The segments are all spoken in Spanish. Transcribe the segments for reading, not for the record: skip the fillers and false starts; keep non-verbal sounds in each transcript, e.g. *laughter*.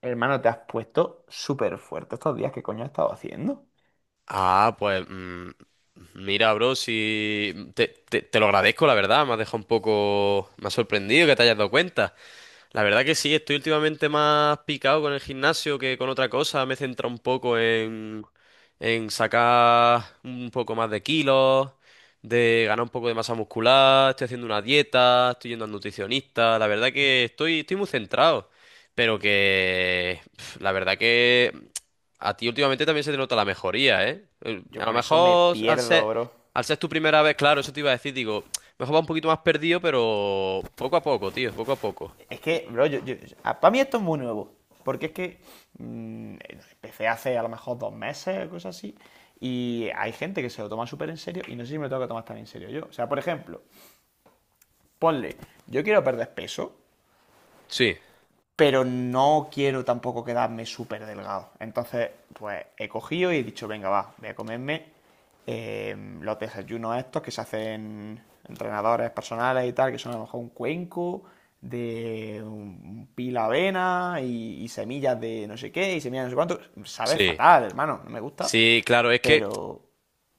Hermano, te has puesto súper fuerte estos días. ¿Qué coño has estado haciendo? Ah, pues mira, bro, si te lo agradezco, la verdad, me has dejado un poco, me ha sorprendido que te hayas dado cuenta. La verdad que sí, estoy últimamente más picado con el gimnasio que con otra cosa. Me he centrado un poco en sacar un poco más de kilos, de ganar un poco de masa muscular, estoy haciendo una dieta, estoy yendo al nutricionista. La verdad que estoy muy centrado. Pero que la verdad que a ti últimamente también se te nota la mejoría, ¿eh? Eh, Yo A lo con eso me mejor al ser, pierdo, bro. al ser tu primera vez, claro, eso te iba a decir, digo, mejor va un poquito más perdido, pero poco a poco, tío, poco a poco. Es que, bro, yo, para mí esto es muy nuevo. Porque es que mm, empecé hace a lo mejor 2 meses, cosas así. Y hay gente que se lo toma súper en serio y no sé si me lo tengo que tomar tan en serio yo. O sea, por ejemplo, ponle, yo quiero perder peso, Sí, pero no quiero tampoco quedarme súper delgado. Entonces, pues he cogido y he dicho, venga, va, voy a comerme eh, los desayunos estos que se hacen entrenadores personales y tal, que son a lo mejor un cuenco de un pila avena y semillas de no sé qué y semillas de no sé cuánto. Sabe sí, fatal, hermano, no me gusta, sí, claro, es que, pero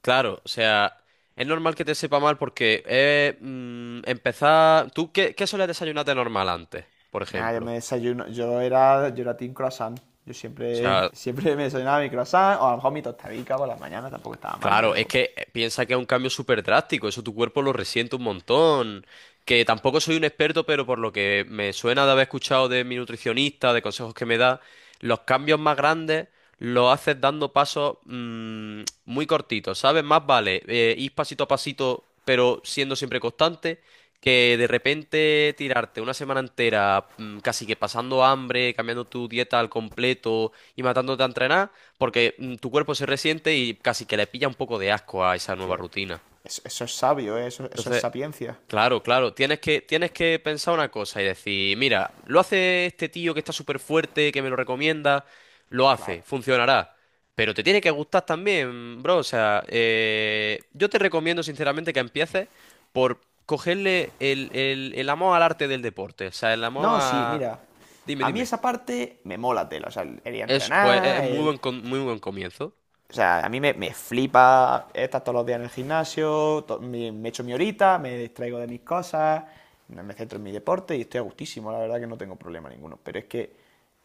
claro, o sea, es normal que te sepa mal porque empezar. ¿Tú qué sueles desayunar de normal antes, por nada, yo me ejemplo? desayuno, yo era team croissant. Yo O siempre, sea, *laughs* siempre me desayunaba mi croissant, o a lo mejor mi tostadica por las mañanas, tampoco estaba mal, claro, es pero que piensa que es un cambio súper drástico, eso tu cuerpo lo resiente un montón. Que tampoco soy un experto, pero por lo que me suena de haber escuchado de mi nutricionista, de consejos que me da, los cambios más grandes los haces dando pasos muy cortitos, ¿sabes? Más vale ir pasito a pasito, pero siendo siempre constante, que de repente tirarte una semana entera casi que pasando hambre, cambiando tu dieta al completo y matándote a entrenar porque tu cuerpo se resiente y casi que le pilla un poco de asco a esa nueva tía, rutina. eso es sabio, ¿eh? Eso es Entonces, sapiencia. claro, claro, tienes que pensar una cosa y decir, mira, lo hace este tío que está súper fuerte, que me lo recomienda, lo hace, Claro. funcionará. Pero te tiene que gustar también, bro. O sea, yo te recomiendo sinceramente que empieces por cogerle el amor al arte del deporte. O sea, el amor No, sí, a. mira. Dime, A mí dime. esa parte me mola tela. O sea, el ir a Es, pues, es entrenar, muy el. buen, muy buen comienzo. O sea, a mí me flipa estar todos los días en el gimnasio, to- me echo mi horita, me distraigo de mis cosas, no me centro en mi deporte y estoy a gustísimo, la verdad que no tengo problema ninguno. Pero es que,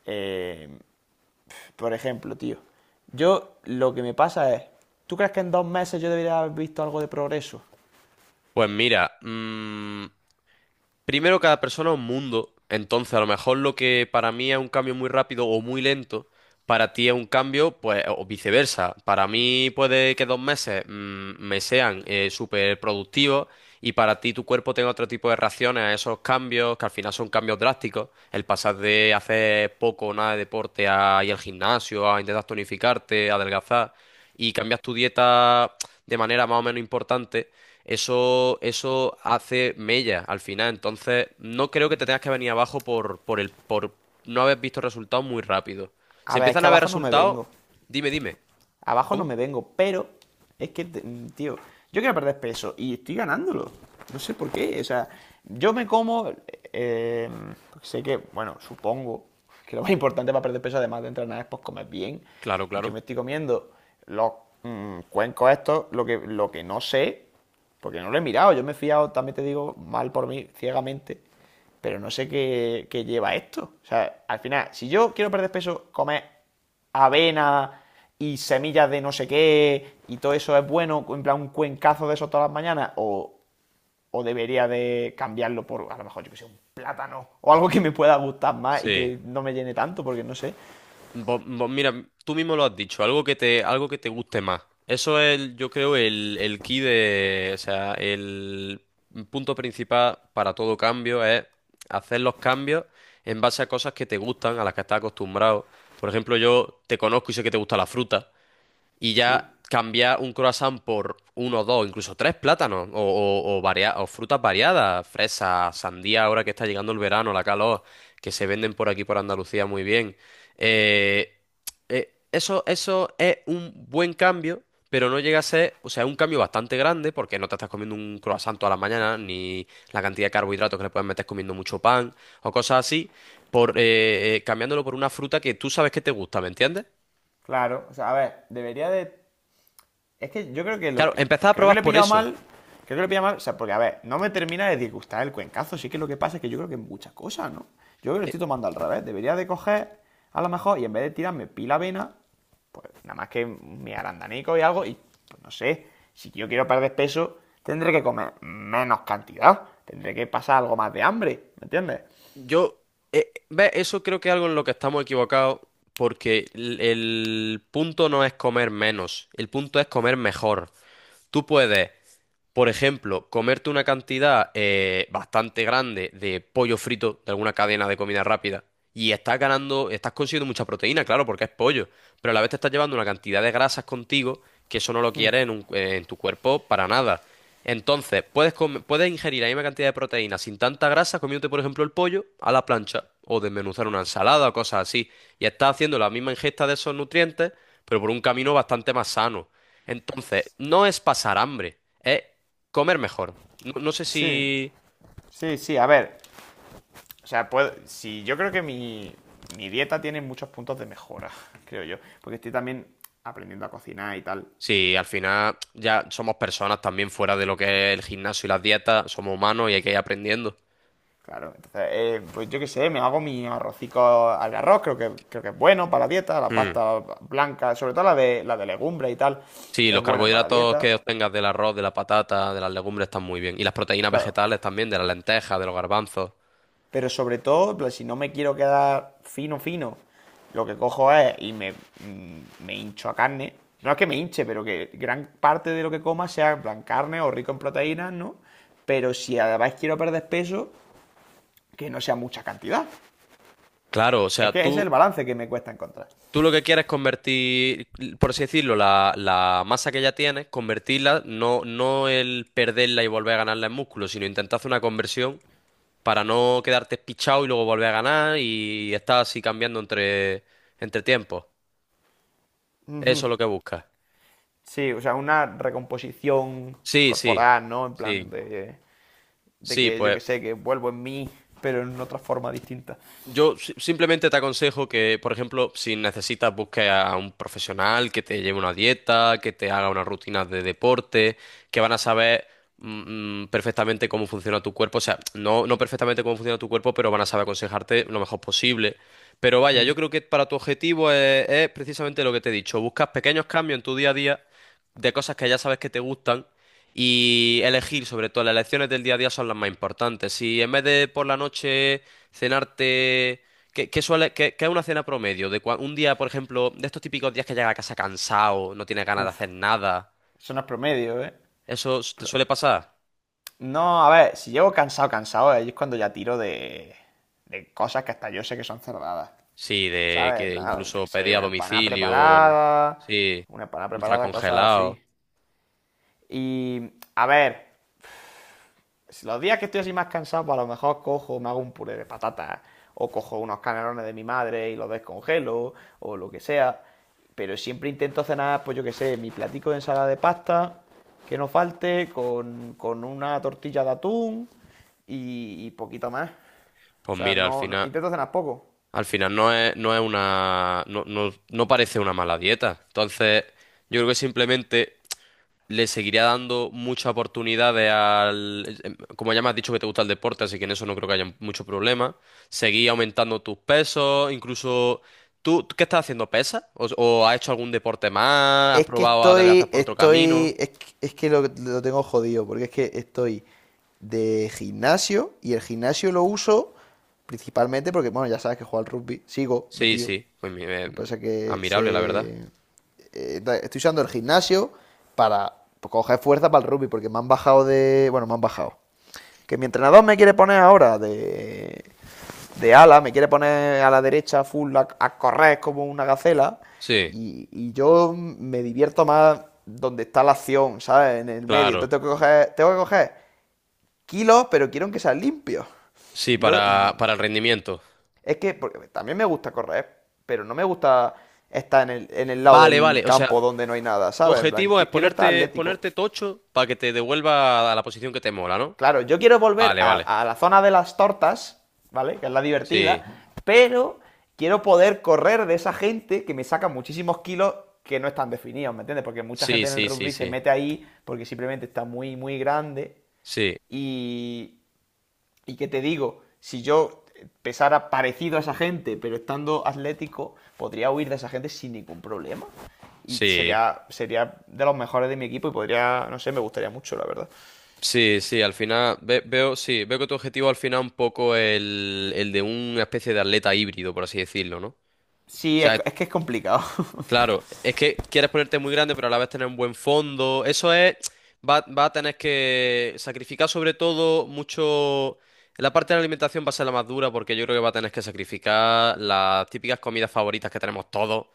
eh, por ejemplo, tío, yo lo que me pasa es, ¿tú crees que en 2 meses yo debería haber visto algo de progreso? Pues mira, primero, cada persona es un mundo. Entonces, a lo mejor lo que para mí es un cambio muy rápido o muy lento, para ti es un cambio, pues, o viceversa. Para mí puede que 2 meses me sean súper productivos y para ti tu cuerpo tenga otro tipo de reacciones a esos cambios, que al final son cambios drásticos. El pasar de hacer poco o nada de deporte a ir al gimnasio, a intentar tonificarte, a adelgazar y cambias tu dieta de manera más o menos importante, eso hace mella al final. Entonces, no creo que te tengas que venir abajo por no haber visto resultados muy rápido. A Se ver, es empiezan que a ver abajo no me resultados. vengo. Dime, dime. Abajo no ¿Cómo? me vengo, pero es que, tío, yo quiero perder peso y estoy ganándolo. No sé por qué. O sea, yo me como, eh, sé que, bueno, supongo que lo más importante para perder peso, además de entrenar, es pues comer bien. Claro, Y yo claro. me estoy comiendo los cuencos estos, lo que no sé, porque no lo he mirado. Yo me he fiado, también te digo, mal por mí, ciegamente. Pero no sé qué, qué lleva esto. O sea, al final, si yo quiero perder peso, comer avena y semillas de no sé qué y todo eso es bueno, en plan un cuencazo de eso todas las mañanas, o debería de cambiarlo por a lo mejor yo que sé, un plátano o algo que me pueda gustar más y Sí. que no me llene tanto, porque no sé. Vos- vos mira, tú mismo lo has dicho, algo que te guste más. Eso es, yo creo, el key de, o sea, el punto principal para todo cambio es hacer los cambios en base a cosas que te gustan, a las que estás acostumbrado. Por ejemplo, yo te conozco y sé que te gusta la fruta y Sí, ya cambiar un croissant por uno, dos, incluso tres plátanos o, o frutas variadas, fresas, sandía, ahora que está llegando el verano, la calor, que se venden por aquí por Andalucía muy bien. Eh, eso es un buen cambio. Pero no llega a ser, o sea, es un cambio bastante grande porque no te estás comiendo un croissant toda la mañana, ni la cantidad de carbohidratos que le puedes meter comiendo mucho pan o cosas así, por cambiándolo por una fruta que tú sabes que te gusta, ¿me entiendes? claro. O sea, a ver, debería de... Es que yo creo que lo, Claro, empezar a creo que probar le he por pillado eso. mal. Creo que le he pillado mal. O sea, porque, a ver, no me termina de disgustar el cuencazo. Sí que lo que pasa es que yo creo que muchas cosas, ¿no? Yo creo que lo Eh, estoy tomando al revés. Debería de coger, a lo mejor, y en vez de tirarme pila avena, pues nada más que mi arandanico y algo. Y pues no sé, si yo quiero perder peso, tendré que comer menos cantidad. Tendré que pasar algo más de hambre, ¿me entiendes? Yo, Eso creo que es algo en lo que estamos equivocados, porque el punto no es comer menos, el punto es comer mejor. Tú puedes, por ejemplo, comerte una cantidad bastante grande de pollo frito de alguna cadena de comida rápida y estás ganando, estás consiguiendo mucha proteína, claro, porque es pollo, pero a la vez te estás llevando una cantidad de grasas contigo que eso no lo quieres en tu cuerpo para nada. Entonces, puedes ingerir la misma cantidad de proteína sin tanta grasa comiéndote, por ejemplo, el pollo a la plancha o desmenuzar una ensalada o cosas así. Y estás haciendo la misma ingesta de esos nutrientes, pero por un camino bastante más sano. Entonces, no es pasar hambre, es comer mejor. No, no sé Sí, si, sí, sí. A ver, o sea, puedo, si yo creo que mi dieta tiene muchos puntos de mejora, *laughs* creo yo. Porque estoy también aprendiendo a cocinar y tal. si al final ya somos personas también fuera de lo que es el gimnasio y las dietas, somos humanos y hay que ir aprendiendo. Claro, entonces, pues yo qué sé, me hago mi arrocico al arroz, creo que es bueno para la dieta, la Mm. pasta blanca, sobre todo la de legumbre y tal, Sí, los es buena para la carbohidratos dieta. que obtengas del arroz, de la patata, de las legumbres están muy bien. Y las proteínas Claro, vegetales también, de las lentejas, de los garbanzos. pero sobre todo, en si no me quiero quedar fino, fino, lo que cojo es y me, me hincho a carne. No es que me hinche, pero que gran parte de lo que coma sea en plan carne o rico en proteínas, ¿no? Pero si además quiero perder peso, que no sea mucha cantidad. Claro, o Es sea, que ese es tú, el balance que me cuesta encontrar. tú lo que quieres es convertir, por así decirlo, la masa que ya tienes, convertirla, no el perderla y volver a ganarla en músculo, sino intentar hacer una conversión para no quedarte pichado y luego volver a ganar y estar así cambiando entre tiempos. Eso es lo que buscas. Sí, o sea, una recomposición Sí, sí, corporal, ¿no? En plan sí, de sí, que yo pues que sé, que vuelvo en mí, pero en otra forma distinta. Yo si- simplemente te aconsejo que, por ejemplo, si necesitas, busques a un profesional que te lleve una dieta, que te haga unas rutinas de deporte, que van a saber perfectamente cómo funciona tu cuerpo. O sea, no, no perfectamente cómo funciona tu cuerpo, pero van a saber aconsejarte lo mejor posible. Pero vaya, Mm. yo creo que para tu objetivo es precisamente lo que te he dicho. Buscas pequeños cambios en tu día a día de cosas que ya sabes que te gustan. Y elegir, sobre todo, las elecciones del día a día son las más importantes. Si en vez de por la noche cenarte. ¿Qué es una cena promedio? De un día, por ejemplo, de estos típicos días que llegas a casa cansado, no tienes ganas de Uf, hacer nada. eso no es promedio, ¿eh? ¿Te Pero suele pasar? no, a ver, si llego cansado, cansado, ahí es cuando ya tiro de cosas que hasta yo sé que son cerradas. Sí, de ¿Sabes? que Yo qué incluso sé, pedí a domicilio. Sí, una empanada ultra preparada, cosas congelado. así. Y, a ver, si los días que estoy así más cansado, pues a lo mejor cojo, me hago un puré de patatas, o cojo unos canelones de mi madre y los descongelo, o lo que sea. Pero siempre intento cenar, pues yo qué sé, mi platico de ensalada de pasta, que no falte, con una tortilla de atún y poquito más. O Pues sea, mira, al no, no- final, intento cenar poco. al final no es una, no parece una mala dieta. Entonces, yo creo que simplemente le seguiría dando muchas oportunidades al. Como ya me has dicho que te gusta el deporte, así que en eso no creo que haya mucho problema. Seguí aumentando tus pesos, incluso. ¿Tú qué estás haciendo? ¿Pesas? O has hecho algún deporte más? ¿Has Es que probado a adelgazar por otro camino? Es que lo tengo jodido, porque es que estoy de gimnasio y el gimnasio lo uso principalmente porque, bueno, ya sabes que juego al rugby, sigo Sí, metido. sí, pues Lo que pasa es que admirable, la verdad. se, estoy usando el gimnasio para pues, coger fuerza para el rugby, porque me han bajado de, bueno, me han bajado. Que mi entrenador me quiere poner ahora de ala, me quiere poner a la derecha full a correr como una gacela. Sí, Y yo me divierto más donde está la acción, ¿sabes? En el medio. claro. Entonces tengo que coger kilos, pero quiero que sean limpios. Sí, No, para el rendimiento. es que porque también me gusta correr, pero no me gusta estar en el lado Vale, del vale. O sea, campo donde no hay nada, tu ¿sabes? En plan, objetivo es quiero estar ponerte, atlético. ponerte tocho para que te devuelva a la posición que te mola, ¿no? Claro, yo quiero volver Vale, vale. A la zona de las tortas, ¿vale? Que es la divertida, Sí. pero quiero poder correr de esa gente que me saca muchísimos kilos que no están definidos, ¿me entiendes? Porque mucha Sí, gente en el sí, sí, rugby se sí. mete ahí porque simplemente está muy grande Sí, y, y que te digo, si yo pesara parecido a esa gente, pero estando atlético, podría huir de esa gente sin ningún problema. Y sí. sería de los mejores de mi equipo y podría, no sé, me gustaría mucho, la verdad. Sí, sí, al final veo, sí, veo que tu objetivo al final es un poco el de una especie de atleta híbrido, por así decirlo, ¿no? O Sí, es, sea, es que es complicado. claro, es que quieres ponerte muy grande, pero a la vez tener un buen fondo. Eso es, va, va a tener que sacrificar sobre todo mucho. La parte de la alimentación va a ser la más dura porque yo creo que va a tener que sacrificar las típicas comidas favoritas que tenemos todos. O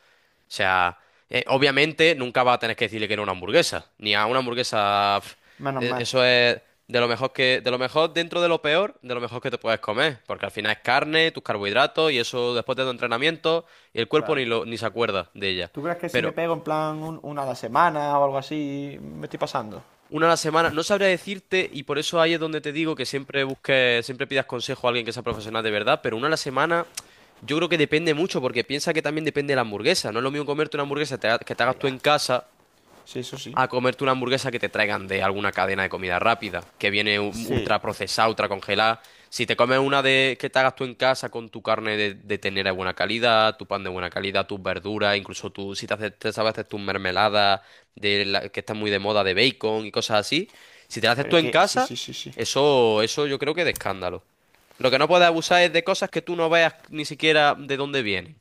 sea, obviamente nunca vas a tener que decirle que no a una hamburguesa, ni a una hamburguesa. Menos mal, Eso es de lo mejor que, de lo mejor dentro de lo peor, de lo mejor que te puedes comer, porque al final es carne, tus carbohidratos y eso después de tu entrenamiento y el cuerpo ni claro. lo, ni se acuerda de ella. ¿Tú crees que si Pero me pego en plan un- una a la semana o algo así, me estoy pasando? una a la semana no sabría decirte y por eso ahí es donde te digo que siempre busques, siempre pidas consejo a alguien que sea profesional de verdad, pero una a la semana. Yo creo que depende mucho, porque piensa que también depende de la hamburguesa. No es lo mismo comerte una hamburguesa que te hagas Hombre, tú ya. en casa Sí, eso sí. a comerte una hamburguesa que te traigan de alguna cadena de comida rápida, que viene Sí. ultra procesada, ultra congelada. Si te comes una de que te hagas tú en casa con tu carne de ternera de buena calidad, tu pan de buena calidad, tus verduras, incluso tú, si te, haces, te sabes hacer tus mermeladas que están muy de moda de bacon y cosas así, si te las haces Pero tú es en que, sí, casa, sí, sí, sí. eso yo creo que es de escándalo. Lo que no puedes abusar es de cosas que tú no veas ni siquiera de dónde vienen.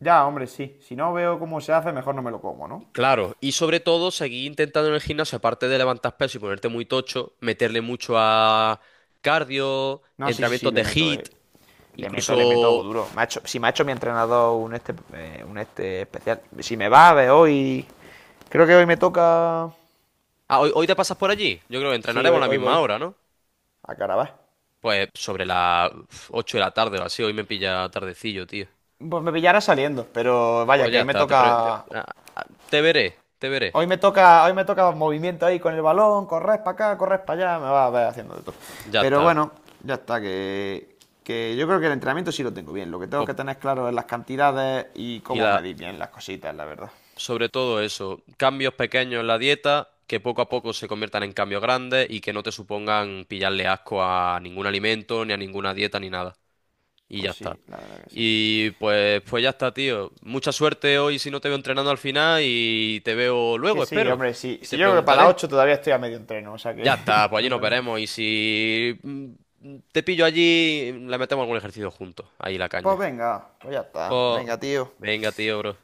Ya, hombre, sí. Si no veo cómo se hace, mejor no me lo como, ¿no? Claro, y sobre todo seguir intentando en el gimnasio, aparte de levantar peso y ponerte muy tocho, meterle mucho a cardio, No, sí, sí, sí, entrenamientos le de meto, HIIT, eh. Le meto incluso. duro. Me ha hecho- si me ha hecho mi entrenador un este especial. Si me va a ver hoy. Creo que hoy me toca. Ah, hoy te pasas por allí. Yo creo que Sí, entrenaremos a la hoy misma voy. hora, ¿no? A Carabas. Pues sobre las 8 de la tarde o así, hoy me pilla tardecillo, tío. Pues me pillará saliendo, pero vaya, Pues que ya hoy me está, te, pre- te- toca. ah, ah, te veré. Hoy me toca movimiento ahí con el balón, corres para acá, corres para allá, me va a ver haciendo de todo. Ya Pero está. bueno, ya está, que yo creo que el entrenamiento sí lo tengo bien. Lo que tengo Pues, que tener claro es las cantidades y y cómo la... medir bien las cositas, la verdad. sobre todo eso, cambios pequeños en la dieta que poco a poco se conviertan en cambios grandes y que no te supongan pillarle asco a ningún alimento, ni a ninguna dieta, ni nada. Y ya Pues sí, está. la verdad que sí. Y pues, pues ya está, tío. Mucha suerte hoy si no te veo entrenando al final y te veo Que luego, sí, espero. hombre, sí. Y Si te yo creo que para las preguntaré. 8 todavía estoy a medio entreno, o sea que Ya está, *laughs* pues allí no nos paramos. veremos. Y si te pillo allí, le metemos algún ejercicio juntos. Ahí la Pues caña. venga, pues ya está. Pues Venga, tío. venga, tío, bro.